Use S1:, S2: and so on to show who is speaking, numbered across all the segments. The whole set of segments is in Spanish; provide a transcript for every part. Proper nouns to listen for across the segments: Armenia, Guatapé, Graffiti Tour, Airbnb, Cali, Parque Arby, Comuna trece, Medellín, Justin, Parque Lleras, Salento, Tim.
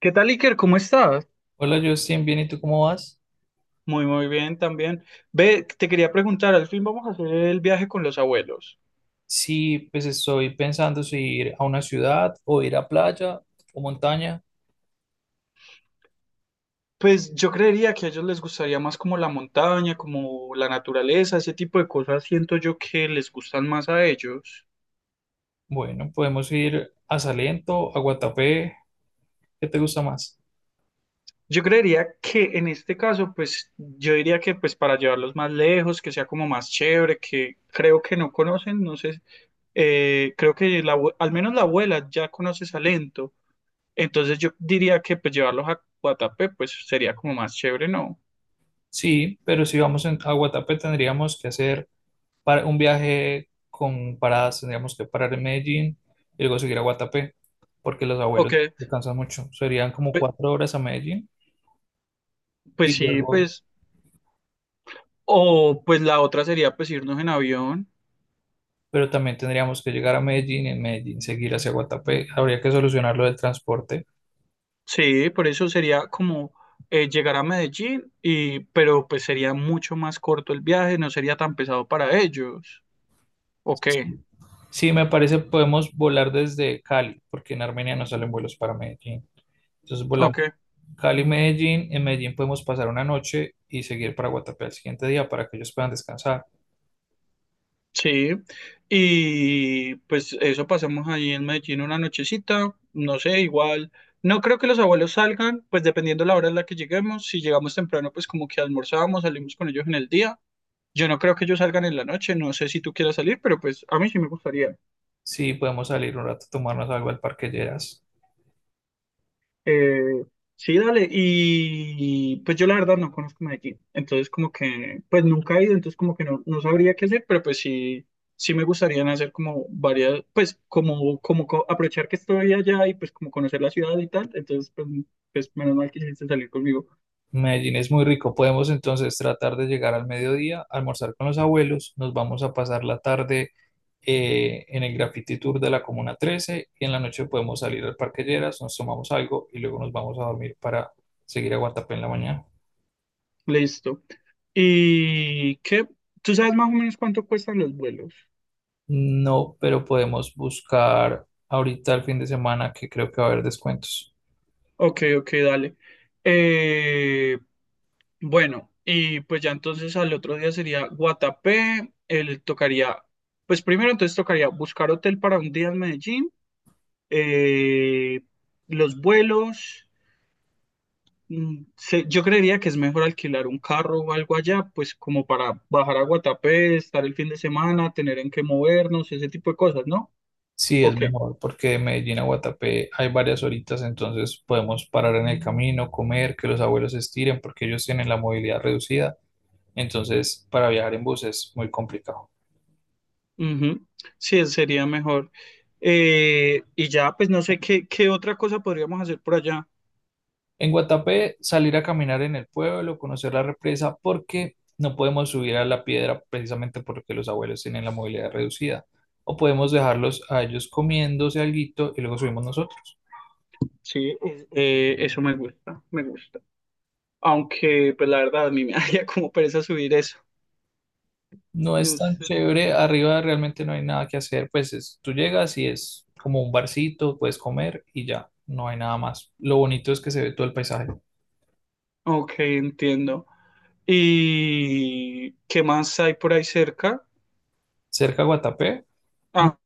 S1: ¿Qué tal, Iker? ¿Cómo estás?
S2: Hola Justin, bien, ¿y tú cómo vas?
S1: Muy bien también. Ve, te quería preguntar, al fin vamos a hacer el viaje con los abuelos.
S2: Sí, pues estoy pensando si ir a una ciudad o ir a playa o montaña.
S1: Pues yo creería que a ellos les gustaría más como la montaña, como la naturaleza, ese tipo de cosas siento yo que les gustan más a ellos.
S2: Bueno, podemos ir a Salento, a Guatapé, ¿qué te gusta más?
S1: Yo creería que en este caso, pues yo diría que pues para llevarlos más lejos, que sea como más chévere, que creo que no conocen, no sé, creo que al menos la abuela ya conoce Salento. Entonces yo diría que pues llevarlos a Guatapé pues sería como más chévere, ¿no?
S2: Sí, pero si vamos a Guatapé tendríamos que hacer para un viaje con paradas, tendríamos que parar en Medellín y luego seguir a Guatapé, porque los
S1: O
S2: abuelos
S1: que,
S2: descansan mucho. Serían como
S1: pe-
S2: 4 horas a Medellín y
S1: pues sí,
S2: luego
S1: pues, o pues la otra sería pues irnos en avión.
S2: pero también tendríamos que llegar a Medellín, en Medellín seguir hacia Guatapé. Habría que solucionar lo del transporte.
S1: Sí, por eso sería como llegar a Medellín y, pero pues sería mucho más corto el viaje, no sería tan pesado para ellos. ¿O qué?
S2: Sí, me parece podemos volar desde Cali, porque en Armenia no salen vuelos para Medellín. Entonces
S1: ¿O
S2: volamos
S1: qué?
S2: Cali-Medellín, en Medellín podemos pasar una noche y seguir para Guatapé al siguiente día para que ellos puedan descansar.
S1: Sí, y pues eso pasamos ahí en Medellín una nochecita, no sé, igual. No creo que los abuelos salgan, pues dependiendo la hora en la que lleguemos. Si llegamos temprano, pues como que almorzábamos, salimos con ellos en el día. Yo no creo que ellos salgan en la noche, no sé si tú quieras salir, pero pues a mí sí me gustaría.
S2: Sí, podemos salir un rato a tomarnos algo al Parque Lleras.
S1: Eh, sí, dale. Y pues yo la verdad no conozco Medellín. Entonces como que, pues nunca he ido, entonces como que no, no sabría qué hacer, pero pues sí, sí me gustaría hacer como varias, pues como, aprovechar que estoy allá y pues como conocer la ciudad y tal. Entonces pues, pues menos mal que quisiste salir conmigo.
S2: Medellín es muy rico. Podemos entonces tratar de llegar al mediodía, almorzar con los abuelos. Nos vamos a pasar la tarde en el Graffiti Tour de la Comuna 13 y en la noche podemos salir al Parque Lleras, nos tomamos algo y luego nos vamos a dormir para seguir a Guatapé en la mañana.
S1: Listo. ¿Y qué? ¿Tú sabes más o menos cuánto cuestan los vuelos?
S2: No, pero podemos buscar ahorita el fin de semana que creo que va a haber descuentos.
S1: Ok, ok, dale. Eh, Bueno, y pues ya entonces al otro día sería Guatapé, él tocaría, pues primero entonces tocaría buscar hotel para un día en Medellín, eh, los vuelos, yo creería que es mejor alquilar un carro o algo allá, pues como para bajar a Guatapé, estar el fin de semana, tener en qué movernos, ese tipo de cosas, ¿no?
S2: Sí, es
S1: Ok.
S2: mejor porque de Medellín a Guatapé hay varias horitas, entonces podemos parar en el camino, comer, que los abuelos se estiren porque ellos tienen la movilidad reducida. Entonces, para viajar en bus es muy complicado.
S1: Ujú. Sí, sería mejor. Y ya, pues no sé qué, qué otra cosa podríamos hacer por allá.
S2: En Guatapé, salir a caminar en el pueblo, conocer la represa, porque no podemos subir a la piedra precisamente porque los abuelos tienen la movilidad reducida. O podemos dejarlos a ellos comiéndose alguito y luego subimos nosotros.
S1: Sí, eso me gusta, me gusta. Aunque, pues la verdad, a mí me haría como pereza subir eso.
S2: No es
S1: No
S2: tan
S1: sé.
S2: chévere, arriba realmente no hay nada que hacer, pues es, tú llegas y es como un barcito, puedes comer y ya, no hay nada más. Lo bonito es que se ve todo el paisaje.
S1: Ok, entiendo. ¿Y qué más hay por ahí cerca?
S2: Cerca a Guatapé,
S1: Ah,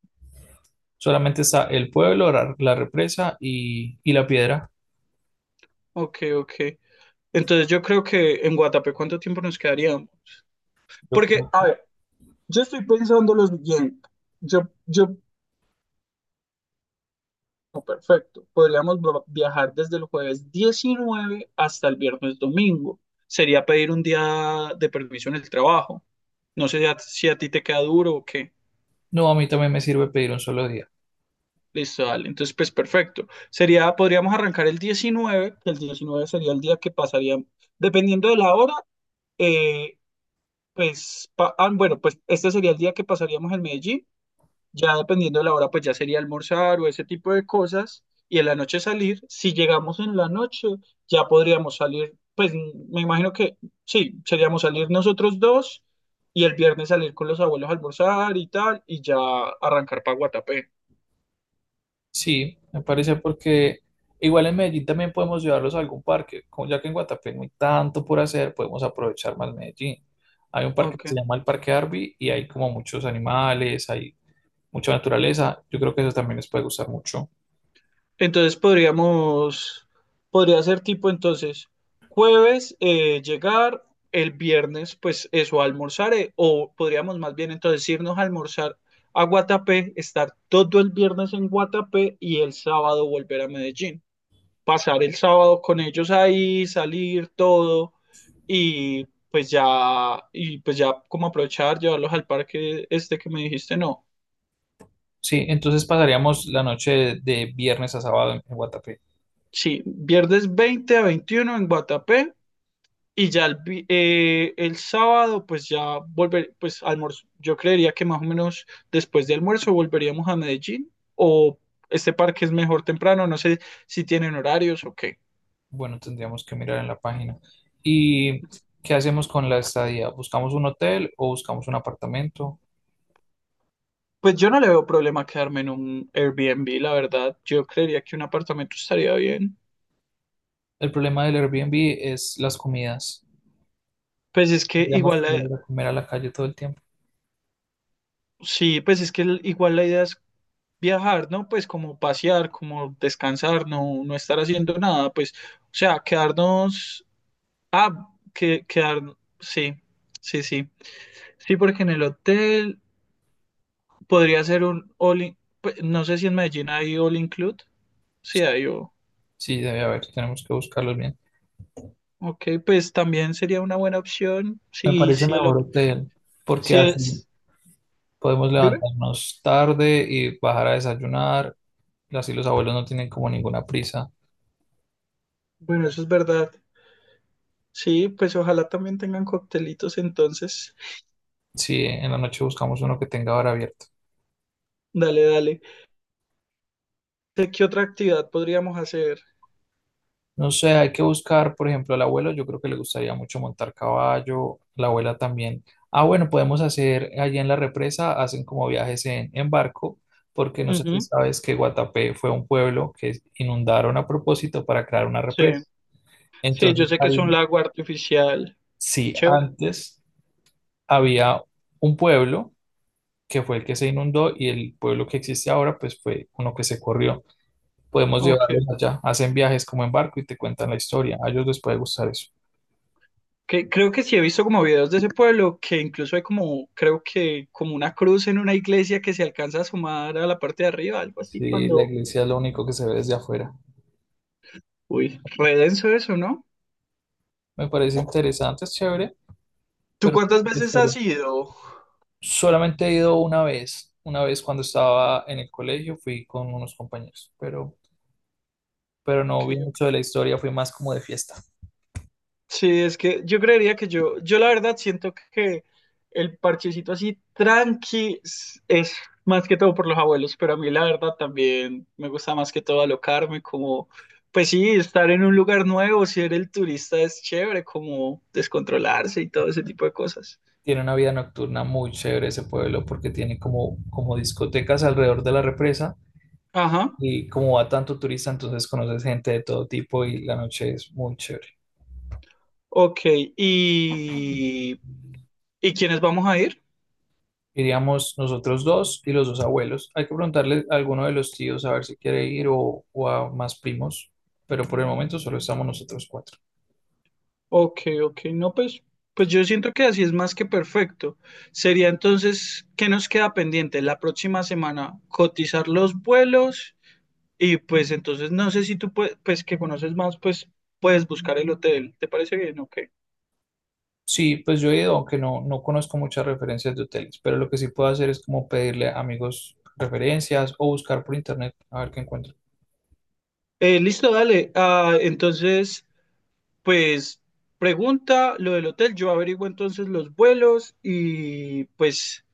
S2: solamente está el pueblo, la represa y la piedra.
S1: ok, ok. Entonces yo creo que en Guatapé, ¿cuánto tiempo nos quedaríamos?
S2: Yo
S1: Porque,
S2: como-
S1: a ver, yo estoy pensando lo siguiente. Yo, yo, oh, perfecto. Viajar desde el jueves 19 hasta el viernes domingo. Sería pedir un día de permiso en el trabajo. No sé si a ti te queda duro o qué.
S2: no, a mí también me sirve pedir un solo día.
S1: Listo, dale. Entonces, pues perfecto. Sería, podríamos arrancar el 19 que el 19 sería el día que pasaríamos, dependiendo de la hora, eh, bueno, pues este sería el día que pasaríamos en Medellín. Ya dependiendo de la hora, pues ya sería almorzar o ese tipo de cosas. Y en la noche salir. Si llegamos en la noche, ya podríamos salir, pues me imagino que sí, seríamos salir nosotros dos y el viernes salir con los abuelos a almorzar y tal, y ya arrancar para Guatapé.
S2: Sí, me parece porque igual en Medellín también podemos llevarlos a algún parque. Como ya que en Guatapé no hay tanto por hacer, podemos aprovechar más Medellín. Hay un parque que
S1: Ok.
S2: se llama el Parque Arby y hay como muchos animales, hay mucha naturaleza. Yo creo que eso también les puede gustar mucho.
S1: Entonces podríamos, podría ser tipo entonces jueves llegar, el viernes pues eso almorzaré, o podríamos más bien entonces irnos a almorzar a Guatapé, estar todo el viernes en Guatapé y el sábado volver a Medellín. Pasar el sábado con ellos ahí, salir todo y y pues ya como aprovechar, llevarlos al parque este que me dijiste, no.
S2: Sí, entonces pasaríamos la noche de viernes a sábado en Guatapé.
S1: Sí, viernes 20 a 21 en Guatapé. Y ya el sábado, pues ya volver, pues almuerzo. Yo creería que más o menos después de almuerzo volveríamos a Medellín o este parque es mejor temprano, no sé si tienen horarios o qué.
S2: Bueno, tendríamos que mirar en la página. ¿Y qué hacemos con la estadía? ¿Buscamos un hotel o buscamos un apartamento?
S1: Pues yo no le veo problema quedarme en un Airbnb, la verdad. Yo creería que un apartamento estaría bien.
S2: El problema del Airbnb es las comidas.
S1: Pues es que
S2: Tendríamos
S1: igual,
S2: que
S1: la-
S2: salir a comer a la calle todo el tiempo.
S1: Sí, pues es que igual la idea es viajar, ¿no? Pues como pasear, como descansar, no, no estar haciendo nada, pues, o sea, quedarnos. Ah, que, quedar, sí, sí, sí. Sí, porque en el hotel podría ser un pues, no sé si en Medellín hay all include. Sí,
S2: Sí. Sí, debe haber, tenemos que buscarlos bien.
S1: ok, pues también sería una buena opción.
S2: Me
S1: Sí,
S2: parece
S1: sí,
S2: mejor hotel, porque
S1: sí
S2: así
S1: es.
S2: podemos
S1: Dime.
S2: levantarnos tarde y bajar a desayunar. Así los abuelos no tienen como ninguna prisa.
S1: Bueno, eso es verdad. Sí, pues ojalá también tengan coctelitos entonces.
S2: Sí, en la noche buscamos uno que tenga hora abierta.
S1: Dale, dale. ¿Qué otra actividad podríamos hacer?
S2: No sé, hay que buscar, por ejemplo, al abuelo, yo creo que le gustaría mucho montar caballo, la abuela también. Ah, bueno, podemos hacer allí en la represa, hacen como viajes en barco, porque no sé si
S1: Ujú.
S2: sabes que Guatapé fue un pueblo que inundaron a propósito para crear una
S1: Sí,
S2: represa.
S1: sí, yo
S2: Entonces,
S1: sé que
S2: hay
S1: es un
S2: una-
S1: lago artificial.
S2: sí,
S1: Chévere.
S2: antes había un pueblo que fue el que se inundó y el pueblo que existe ahora, pues fue uno que se corrió. Podemos
S1: Ok.
S2: llevarlos allá, hacen viajes como en barco y te cuentan la historia. A ellos les puede gustar eso.
S1: Que, creo que sí he visto como videos de ese pueblo que incluso hay como, creo que como una cruz en una iglesia que se alcanza a sumar a la parte de arriba, algo así,
S2: Sí, la
S1: cuando...
S2: iglesia es lo único que se ve desde afuera.
S1: Uy, re denso eso, ¿no?
S2: Me parece interesante, es chévere,
S1: ¿Tú
S2: pero no
S1: cuántas
S2: sé la
S1: veces has
S2: historia.
S1: ido? Ok,
S2: Solamente he ido una vez cuando estaba en el colegio, fui con unos compañeros, pero no vi mucho
S1: ok.
S2: de la historia, fui más como de fiesta.
S1: Sí, es que yo creería que yo la verdad siento que el parchecito es más que todo por los abuelos, pero a mí la verdad también me gusta más que todo alocarme, como, pues sí, estar en un lugar nuevo, ser el turista es chévere, como descontrolarse y todo ese tipo de cosas.
S2: Tiene una vida nocturna muy chévere ese pueblo porque tiene como, como discotecas alrededor de la represa
S1: Ajá,
S2: y como va tanto turista, entonces conoces gente de todo tipo y la noche es muy chévere.
S1: ok. ¿Y, ¿y quiénes vamos a ir?
S2: Iríamos nosotros dos y los dos abuelos. Hay que preguntarle a alguno de los tíos a ver si quiere ir o a más primos, pero por el momento solo estamos nosotros cuatro.
S1: Ok, ok, no, pues, pues yo siento que así es más que perfecto. Sería entonces, ¿qué nos queda pendiente? La próxima semana cotizar los vuelos y pues entonces no sé si pues que conoces más, pues puedes buscar el hotel. ¿Te parece bien? Ok.
S2: Sí, pues yo he ido, aunque no conozco muchas referencias de hoteles, pero lo que sí puedo hacer es como pedirle a amigos referencias o buscar por internet a ver qué encuentro.
S1: Listo, dale. Ah, entonces, pues pregunta lo del hotel. Yo averiguo entonces los vuelos y pues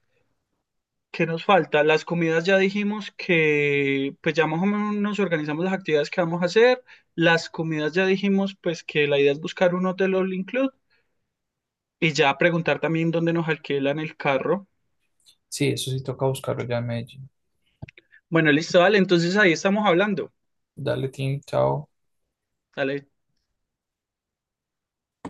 S1: ¿qué nos falta? Las comidas ya dijimos que, pues ya más o menos nos organizamos las actividades que vamos a hacer. Las comidas ya dijimos, pues que la idea es buscar un hotel all include y ya preguntar también dónde nos alquilan el carro.
S2: Sí, eso sí toca buscarlo ya en Medellín.
S1: Bueno, listo, dale, entonces ahí estamos hablando.
S2: Dale, Tim, chao.
S1: Dale.